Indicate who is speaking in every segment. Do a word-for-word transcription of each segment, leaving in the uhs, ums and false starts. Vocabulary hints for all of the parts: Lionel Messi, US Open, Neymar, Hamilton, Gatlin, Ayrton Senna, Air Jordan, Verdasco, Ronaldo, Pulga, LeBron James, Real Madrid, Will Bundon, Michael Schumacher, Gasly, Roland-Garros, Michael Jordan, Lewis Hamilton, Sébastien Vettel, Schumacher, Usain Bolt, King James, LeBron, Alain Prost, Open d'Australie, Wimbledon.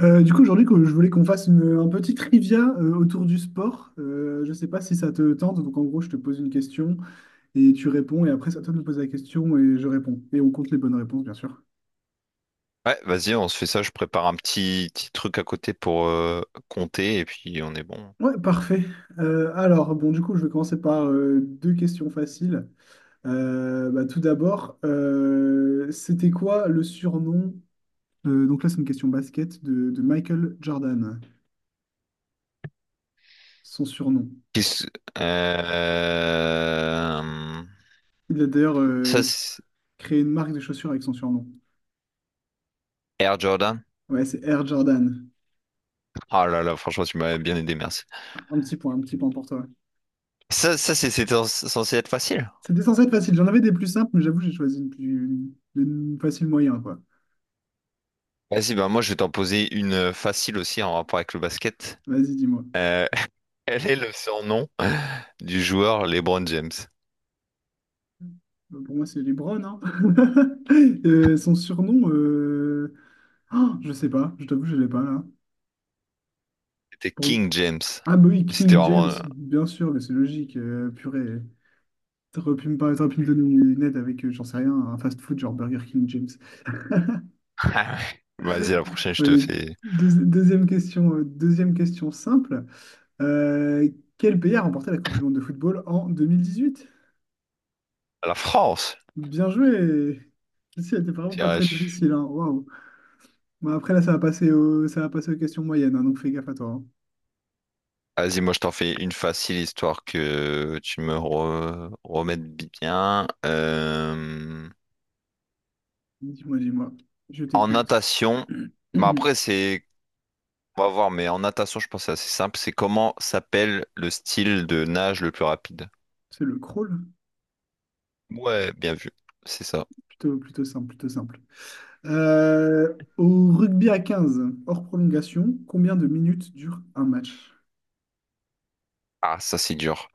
Speaker 1: Euh, du coup, aujourd'hui, que- je voulais qu'on fasse une, un petit trivia euh, autour du sport. Euh, je ne sais pas si ça te tente. Donc, en gros, je te pose une question et tu réponds. Et après, c'est à toi de me poser la question et je réponds. Et on compte les bonnes réponses, bien sûr.
Speaker 2: Ouais, vas-y, on se fait ça. Je prépare un petit, petit truc à côté pour euh, compter et puis on est bon.
Speaker 1: Ouais, parfait. Euh, alors, bon, du coup, je vais commencer par euh, deux questions faciles. Euh, bah, tout d'abord, euh, c'était quoi le surnom euh, donc là, c'est une question basket de, de Michael Jordan, son surnom.
Speaker 2: Qu'est-ce- euh,
Speaker 1: Il a d'ailleurs
Speaker 2: Ça,
Speaker 1: euh,
Speaker 2: c'est-
Speaker 1: créé une marque de chaussures avec son surnom.
Speaker 2: Air Jordan.
Speaker 1: Ouais, c'est Air Jordan.
Speaker 2: Ah là là, franchement, tu m'as bien aidé, merci.
Speaker 1: Un petit point, un petit point pour toi.
Speaker 2: Ça, ça c'est c'était censé être facile.
Speaker 1: C'était censé être facile. J'en avais des plus simples, mais j'avoue, j'ai choisi une plus une facile moyen, quoi.
Speaker 2: Vas-y, bah moi, je vais t'en poser une euh, facile aussi en rapport avec le basket.
Speaker 1: Vas-y, dis-moi.
Speaker 2: Euh, quel est le surnom du joueur LeBron James?
Speaker 1: Euh, Pour moi, c'est LeBron, hein. Euh, son surnom, euh, oh, je sais pas. Je t'avoue, je l'ai pas, là.
Speaker 2: C'était
Speaker 1: Pour...
Speaker 2: King James.
Speaker 1: Ah, bah oui,
Speaker 2: C'était
Speaker 1: King James,
Speaker 2: vraiment.
Speaker 1: bien sûr, mais c'est logique. Euh, purée. T'aurais pu me parler, t'aurais pu me donner une aide avec, euh, j'en sais rien, un fast-food genre Burger King James.
Speaker 2: euh, Vas-y, la prochaine, je te
Speaker 1: Ouais,
Speaker 2: fais
Speaker 1: deuxi- deuxième question, euh, deuxième question simple. Euh, quel pays a remporté la Coupe du monde de football en deux mille dix-huit?
Speaker 2: la France.
Speaker 1: Bien joué. Celle-ci était
Speaker 2: Je
Speaker 1: vraiment pas
Speaker 2: dirais,
Speaker 1: très difficile, hein. Waouh. Bon, après, là, ça va passer au... ça va passer aux questions moyennes, hein, donc fais gaffe à toi, hein.
Speaker 2: Vas-y, moi je t'en fais une facile histoire que tu me re- remettes bien. Euh,
Speaker 1: Dis-moi, dis-moi. Je
Speaker 2: En
Speaker 1: t'écoute.
Speaker 2: natation, mais après c'est, on va voir, mais en natation je pense que c'est assez simple. C'est comment s'appelle le style de nage le plus rapide?
Speaker 1: C'est le crawl?
Speaker 2: Ouais, bien vu, c'est ça.
Speaker 1: Plutôt, plutôt simple, plutôt simple. Euh, au rugby à quinze, hors prolongation, combien de minutes dure un match?
Speaker 2: Ah, ça c'est dur.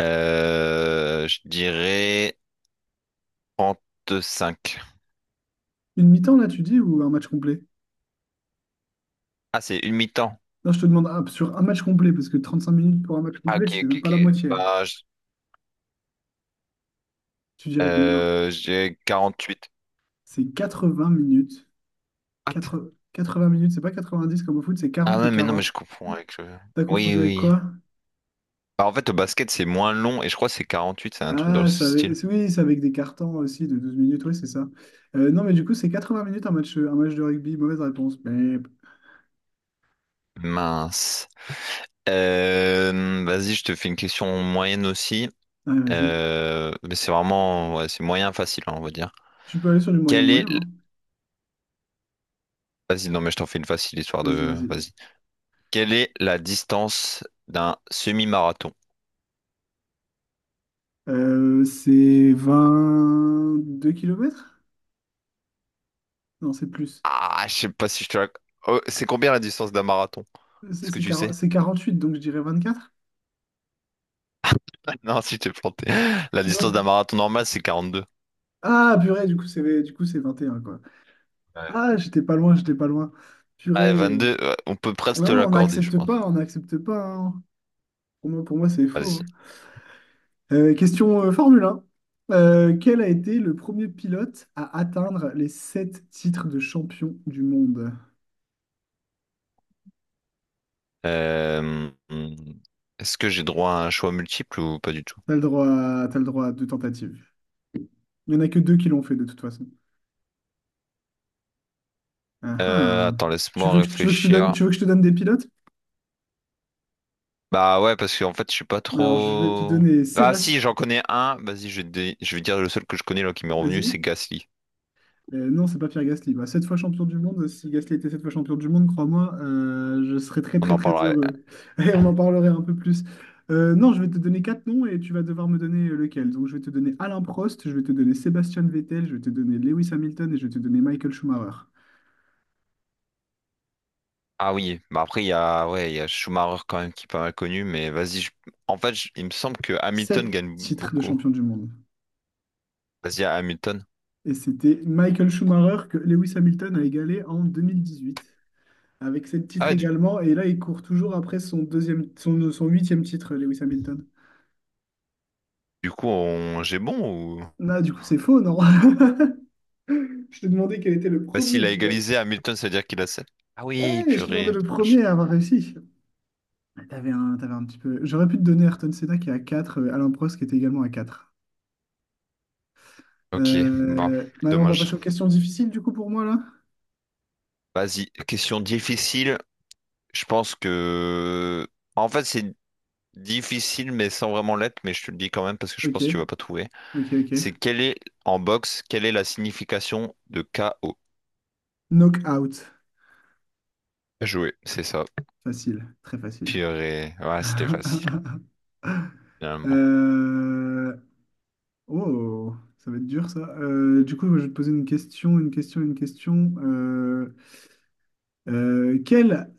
Speaker 2: Euh, je dirais trente-cinq.
Speaker 1: Une mi-temps, là, tu dis, ou un match complet?
Speaker 2: Ah, c'est une mi-temps.
Speaker 1: Non, je te demande ah, sur un match complet, parce que trente-cinq minutes pour un match
Speaker 2: Ah,
Speaker 1: complet,
Speaker 2: ok,
Speaker 1: c'est
Speaker 2: ok,
Speaker 1: même pas
Speaker 2: ok.
Speaker 1: la moitié, hein.
Speaker 2: Bah, je,
Speaker 1: Tu dirais combien?
Speaker 2: euh, j'ai quarante-huit.
Speaker 1: C'est quatre-vingts minutes, quatre quatre-vingts minutes, c'est pas quatre-vingt-dix comme au foot, c'est
Speaker 2: Ah
Speaker 1: quarante et
Speaker 2: ouais, mais non, mais je
Speaker 1: quarante.
Speaker 2: comprends avec le...
Speaker 1: T'as
Speaker 2: Oui,
Speaker 1: confondu avec
Speaker 2: oui.
Speaker 1: quoi?
Speaker 2: Bah, en fait, au basket, c'est moins long et je crois que c'est huit c'est un truc dans
Speaker 1: Ah,
Speaker 2: ce
Speaker 1: ça avait-
Speaker 2: style.
Speaker 1: c'est- oui, c'est avec des cartons aussi de douze minutes, oui, c'est ça. Euh, non, mais du coup, c'est quatre-vingts minutes un match, un match de rugby. Mauvaise réponse. Mais...
Speaker 2: Mince. Euh, vas-y, je te fais une question moyenne aussi.
Speaker 1: Ouais, vas-y.
Speaker 2: Euh, mais c'est vraiment... ouais, c'est moyen facile, hein, on va dire.
Speaker 1: Tu peux aller sur du
Speaker 2: Quelle
Speaker 1: moyen-moyen,
Speaker 2: est... l-
Speaker 1: hein.
Speaker 2: Vas-y, non, mais je t'en fais une facile histoire
Speaker 1: Vas-y,
Speaker 2: de...
Speaker 1: vas-y.
Speaker 2: Vas-y. Quelle est la distance d'un semi-marathon?
Speaker 1: Euh, c'est deux kilomètres. Non, c'est plus.
Speaker 2: Ah, je sais pas si je te la... Oh, c'est combien la distance d'un marathon?
Speaker 1: C'est
Speaker 2: Est-ce que
Speaker 1: c'est
Speaker 2: tu
Speaker 1: quarante
Speaker 2: sais?
Speaker 1: c'est quarante-huit, donc je dirais vingt-quatre.
Speaker 2: Non, si je t'ai planté. La distance d'un
Speaker 1: Non.
Speaker 2: marathon normal, c'est quarante-deux.
Speaker 1: Ah, purée, du coup, c'est du coup, c'est vingt et un, quoi. Ah, j'étais pas loin, j'étais pas loin.
Speaker 2: Ouais,
Speaker 1: Purée.
Speaker 2: vingt-deux, ouais, on peut presque te
Speaker 1: Non, on
Speaker 2: l'accorder, je
Speaker 1: n'accepte
Speaker 2: pense.
Speaker 1: pas, on n'accepte pas, hein. Pour moi, pour moi, c'est faux,
Speaker 2: Vas-y.
Speaker 1: hein. Euh, question euh, Formule un. Euh, quel a été le premier pilote à atteindre les sept titres de champion du monde?
Speaker 2: Euh, hmm, est-ce que j'ai droit à un choix multiple ou pas du tout?
Speaker 1: T'as le droit, à- t'as le droit à deux tentatives. Il n'y en a que deux qui l'ont fait de toute façon. Ah,
Speaker 2: Euh,
Speaker 1: ah.
Speaker 2: attends,
Speaker 1: Tu
Speaker 2: laisse-moi
Speaker 1: veux que, tu veux que je te donne,
Speaker 2: réfléchir.
Speaker 1: tu veux que je te donne des pilotes?
Speaker 2: Bah ouais, parce qu'en fait, je suis pas
Speaker 1: Alors, je vais te
Speaker 2: trop...
Speaker 1: donner
Speaker 2: Ah si,
Speaker 1: Sébastien.
Speaker 2: j'en connais un. Vas-y, je vais, te dé- je vais dire le seul que je connais là qui m'est revenu,
Speaker 1: Vas-y.
Speaker 2: c'est Gasly.
Speaker 1: Euh, non, c'est pas Pierre Gasly. Bah, sept fois champion du monde, si Gasly était sept fois champion du monde, crois-moi, euh, je serais très
Speaker 2: On
Speaker 1: très
Speaker 2: en
Speaker 1: très
Speaker 2: parlera.
Speaker 1: heureux. Et on en parlerait un peu plus. Euh, non, je vais te donner quatre noms et tu vas devoir me donner lequel. Donc je vais te donner Alain Prost, je vais te donner Sébastien Vettel, je vais te donner Lewis Hamilton et je vais te donner Michael Schumacher.
Speaker 2: Ah oui, bah après, il y a, ouais, il y a Schumacher quand même qui est pas mal connu, mais vas-y. je- En fait, je- il me semble que Hamilton
Speaker 1: Sept
Speaker 2: gagne
Speaker 1: titres de
Speaker 2: beaucoup.
Speaker 1: champion du monde.
Speaker 2: Vas-y, à Hamilton.
Speaker 1: Et c'était Michael Schumacher que Lewis Hamilton a égalé en deux mille dix-huit. Avec sept titres
Speaker 2: Ah, du,
Speaker 1: également. Et là, il court toujours après son deuxième, son, son huitième titre, Lewis Hamilton.
Speaker 2: du coup, on... j'ai bon ou...
Speaker 1: Ah, du coup, c'est faux, non? Je t'ai demandé quel était le
Speaker 2: Bah,
Speaker 1: premier
Speaker 2: s'il a
Speaker 1: pilote.
Speaker 2: égalisé Hamilton, ça veut dire qu'il a sept. Ah oui,
Speaker 1: Ouais, mais je t'ai demandé
Speaker 2: purée.
Speaker 1: le
Speaker 2: Dommage.
Speaker 1: premier à avoir réussi. Ah, t'avais un, t'avais un petit peu. J'aurais pu te donner Ayrton Senna qui est à quatre, euh, Alain Prost qui était également à quatre.
Speaker 2: Ok, bon,
Speaker 1: Euh... bah, on va passer
Speaker 2: dommage.
Speaker 1: aux questions difficiles du coup pour moi là.
Speaker 2: Vas-y, question difficile. Je pense que... En fait, c'est difficile, mais sans vraiment l'être, mais je te le dis quand même parce que je
Speaker 1: Ok,
Speaker 2: pense que tu vas pas trouver.
Speaker 1: ok,
Speaker 2: C'est
Speaker 1: ok.
Speaker 2: quelle est, en boxe, quelle est la signification de K O?
Speaker 1: Knockout.
Speaker 2: Jouer, c'est ça.
Speaker 1: Facile, très facile.
Speaker 2: Purée. Ouais, c'était facile, finalement.
Speaker 1: Euh, Oh, ça va être dur ça. Euh, du coup, je vais te poser une question, une question, une question. Euh, Euh, quel,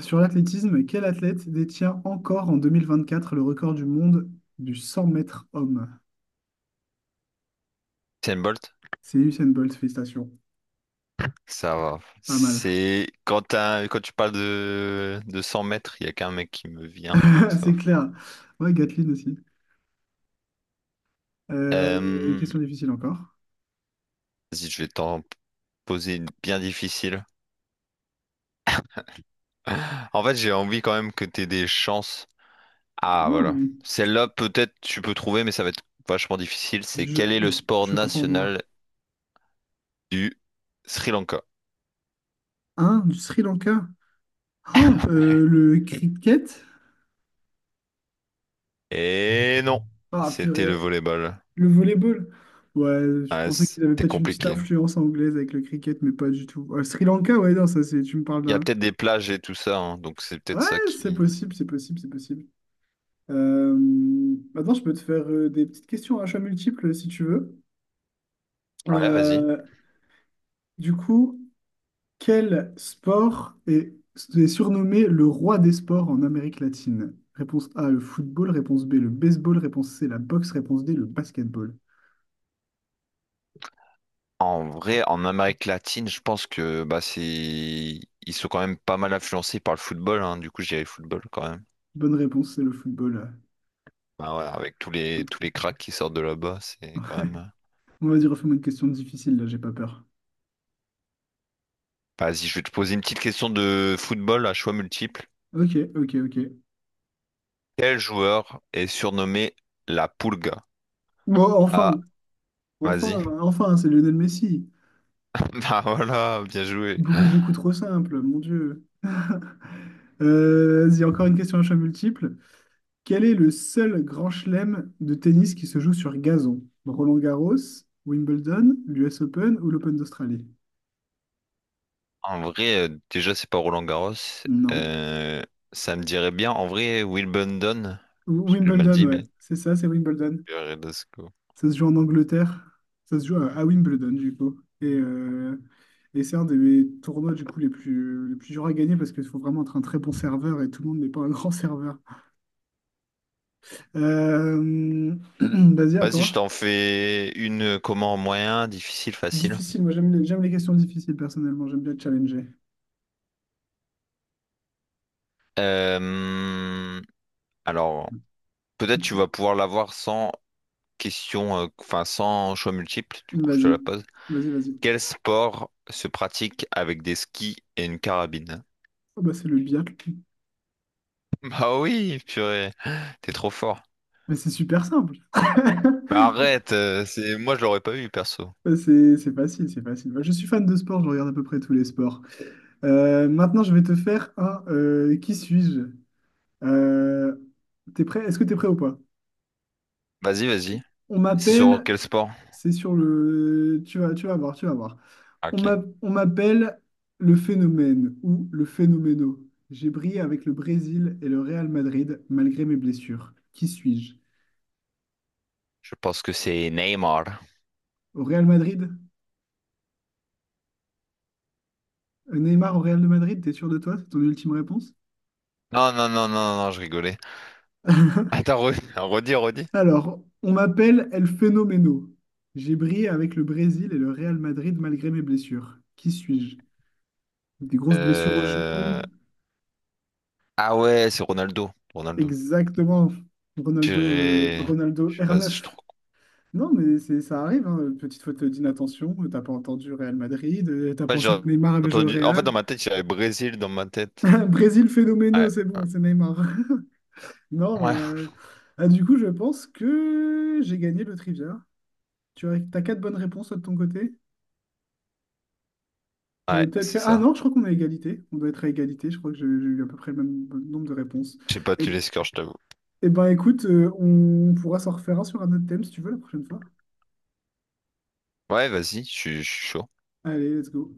Speaker 1: sur l'athlétisme, quel athlète détient encore en deux mille vingt-quatre le record du monde du cent mètres homme?
Speaker 2: Usain Bolt?
Speaker 1: C'est Usain Bolt, félicitations.
Speaker 2: Ça va.
Speaker 1: Pas mal.
Speaker 2: C'est quand t'as- quand tu parles de, de cent mètres, il y a qu'un mec qui me vient, donc ça va.
Speaker 1: C'est clair. Ouais, Gatlin aussi. Euh,
Speaker 2: Euh,
Speaker 1: question difficile encore.
Speaker 2: Vas-y, je vais t'en poser une bien difficile. En fait, j'ai envie quand même que t'aies des chances. Ah,
Speaker 1: Non,
Speaker 2: voilà. Celle-là, peut-être tu peux trouver, mais ça va être vachement difficile. C'est
Speaker 1: je,
Speaker 2: quel est le
Speaker 1: je-
Speaker 2: sport
Speaker 1: je crois en moi.
Speaker 2: national du Sri Lanka?
Speaker 1: Hein, du Sri Lanka? Oh, euh, le cricket?
Speaker 2: Et non,
Speaker 1: Ah,
Speaker 2: c'était le
Speaker 1: purée.
Speaker 2: volleyball.
Speaker 1: Le volleyball? Ouais, je
Speaker 2: Ah,
Speaker 1: pensais qu'il avait
Speaker 2: c'était
Speaker 1: peut-être une petite
Speaker 2: compliqué.
Speaker 1: influence anglaise avec le cricket, mais pas du tout. Euh, Sri Lanka, ouais, non, ça c'est. Tu me parles
Speaker 2: Il y a
Speaker 1: d'un.
Speaker 2: peut-être des plages et tout ça, hein, donc c'est peut-être
Speaker 1: Ouais,
Speaker 2: ça
Speaker 1: c'est
Speaker 2: qui...
Speaker 1: possible, c'est possible, c'est possible. Euh, maintenant, je peux te faire euh, des petites questions à choix multiples si tu veux.
Speaker 2: Ouais, vas-y.
Speaker 1: Euh, du coup, quel sport est, est surnommé le roi des sports en Amérique latine? Réponse A, le football. Réponse B, le baseball. Réponse C, la boxe. Réponse D, le basketball.
Speaker 2: En vrai, en Amérique latine, je pense que bah, c'est... ils sont quand même pas mal influencés par le football, hein. Du coup, je dirais football quand même.
Speaker 1: Bonne réponse, c'est le football.
Speaker 2: Bah ouais, avec tous les tous les cracks qui sortent de là-bas, c'est quand même. euh,
Speaker 1: On va dire, refais-moi une question difficile, là, j'ai pas peur.
Speaker 2: Vas-y, je vais te poser une petite question de football à choix multiple.
Speaker 1: Ok, ok, ok.
Speaker 2: Quel joueur est surnommé la Pulga?
Speaker 1: Bon,
Speaker 2: Ah,
Speaker 1: enfin,
Speaker 2: vas-y.
Speaker 1: enfin, enfin, hein, c'est Lionel Messi.
Speaker 2: Bah voilà, bien joué.
Speaker 1: Beaucoup, beaucoup trop simple, mon Dieu. Euh, vas-y, encore une question à choix multiple. Quel est le seul grand chelem de tennis qui se joue sur gazon? Roland-Garros, Wimbledon, l'U S Open ou l'Open d'Australie?
Speaker 2: En vrai, euh, déjà c'est pas Roland Garros.
Speaker 1: Non.
Speaker 2: Euh, ça me dirait bien. En vrai, Will Bundon.
Speaker 1: Ou-
Speaker 2: J'ai mal
Speaker 1: Wimbledon,
Speaker 2: dit,
Speaker 1: ouais.
Speaker 2: mais.
Speaker 1: C'est ça, c'est Wimbledon.
Speaker 2: Verdasco.
Speaker 1: Ça se joue en Angleterre. Ça se joue à, à Wimbledon, du coup. Et, euh, et c'est un des mes tournois, du coup, les plus, les plus durs à gagner parce qu'il faut vraiment être un très bon serveur et tout le monde n'est pas un grand serveur. Euh, vas-y, à
Speaker 2: Vas-y, je
Speaker 1: toi.
Speaker 2: t'en fais une. euh, Comment moyen, difficile, facile.
Speaker 1: Difficile, moi j'aime les, j'aime les questions difficiles personnellement, j'aime bien challenger.
Speaker 2: Euh, Alors, peut-être tu
Speaker 1: Dis-
Speaker 2: vas pouvoir l'avoir sans. question, euh, enfin sans choix multiple, du coup je te
Speaker 1: Vas-y,
Speaker 2: la pose.
Speaker 1: vas-y, vas-y.
Speaker 2: Quel sport se pratique avec des skis et une carabine?
Speaker 1: Oh, bah, c'est le biathlon.
Speaker 2: Bah oui, purée, t'es trop fort.
Speaker 1: Mais c'est super simple.
Speaker 2: Mais arrête, euh, c'est moi je l'aurais pas eu perso.
Speaker 1: Bah, C'est c'est facile, c'est facile. Moi, je suis fan de sport, je regarde à peu près tous les sports. Euh, maintenant, je vais te faire un euh, qui suis-je? Euh, t'es prêt? Est-ce que t'es prêt ou pas?
Speaker 2: Vas-y, vas-y.
Speaker 1: On
Speaker 2: C'est sur
Speaker 1: m'appelle,
Speaker 2: quel sport?
Speaker 1: c'est sur le. Tu vas, tu vas voir, tu vas voir.
Speaker 2: Ah,
Speaker 1: On
Speaker 2: ok,
Speaker 1: m'a- on m'appelle le phénomène ou le phénoméno. J'ai brillé avec le Brésil et le Real Madrid malgré mes blessures. Qui suis-je?
Speaker 2: je pense que c'est Neymar.
Speaker 1: Au Real Madrid? Euh, Neymar au Real de Madrid, t'es sûr de toi? C'est ton ultime réponse?
Speaker 2: Non, non, non, non, non, je rigolais. Attends, re- redis, redis.
Speaker 1: Alors, on m'appelle El Phénoméno. J'ai brillé avec le Brésil et le Real Madrid malgré mes blessures. Qui suis-je? Des grosses blessures au genou.
Speaker 2: Euh... Ah ouais, c'est Ronaldo. Ronaldo.
Speaker 1: Exactement. Ronaldo, euh,
Speaker 2: Purée.
Speaker 1: Ronaldo
Speaker 2: Je- Vas-y, je suis
Speaker 1: R neuf.
Speaker 2: trop.
Speaker 1: Non, mais c'est, ça arrive, hein. Petite faute d'inattention, t'as pas entendu Real Madrid, euh, t'as
Speaker 2: En fait, j'ai
Speaker 1: pensé que Neymar avait joué au
Speaker 2: entendu. En fait, dans
Speaker 1: Real.
Speaker 2: ma tête, il y avait Brésil dans ma tête.
Speaker 1: Brésil
Speaker 2: Ouais,
Speaker 1: phénoménal, c'est bon, c'est Neymar. Non,
Speaker 2: ouais,
Speaker 1: euh, ah, du coup, je pense que j'ai gagné le trivia. Tu as, t'as quatre bonnes réponses toi, de ton côté? J'en ai
Speaker 2: ouais,
Speaker 1: peut-être...
Speaker 2: c'est
Speaker 1: Ah
Speaker 2: ça.
Speaker 1: non, je crois qu'on est à égalité. On doit être à égalité, je crois que j'ai j'ai eu à peu près le même nombre de réponses.
Speaker 2: J'ai pas
Speaker 1: Et,
Speaker 2: tué les scores, je t'avoue.
Speaker 1: et ben écoute, euh, on pourra s'en refaire un sur un autre thème si tu veux la prochaine fois.
Speaker 2: Ouais, vas-y, je suis je suis chaud.
Speaker 1: Allez, let's go.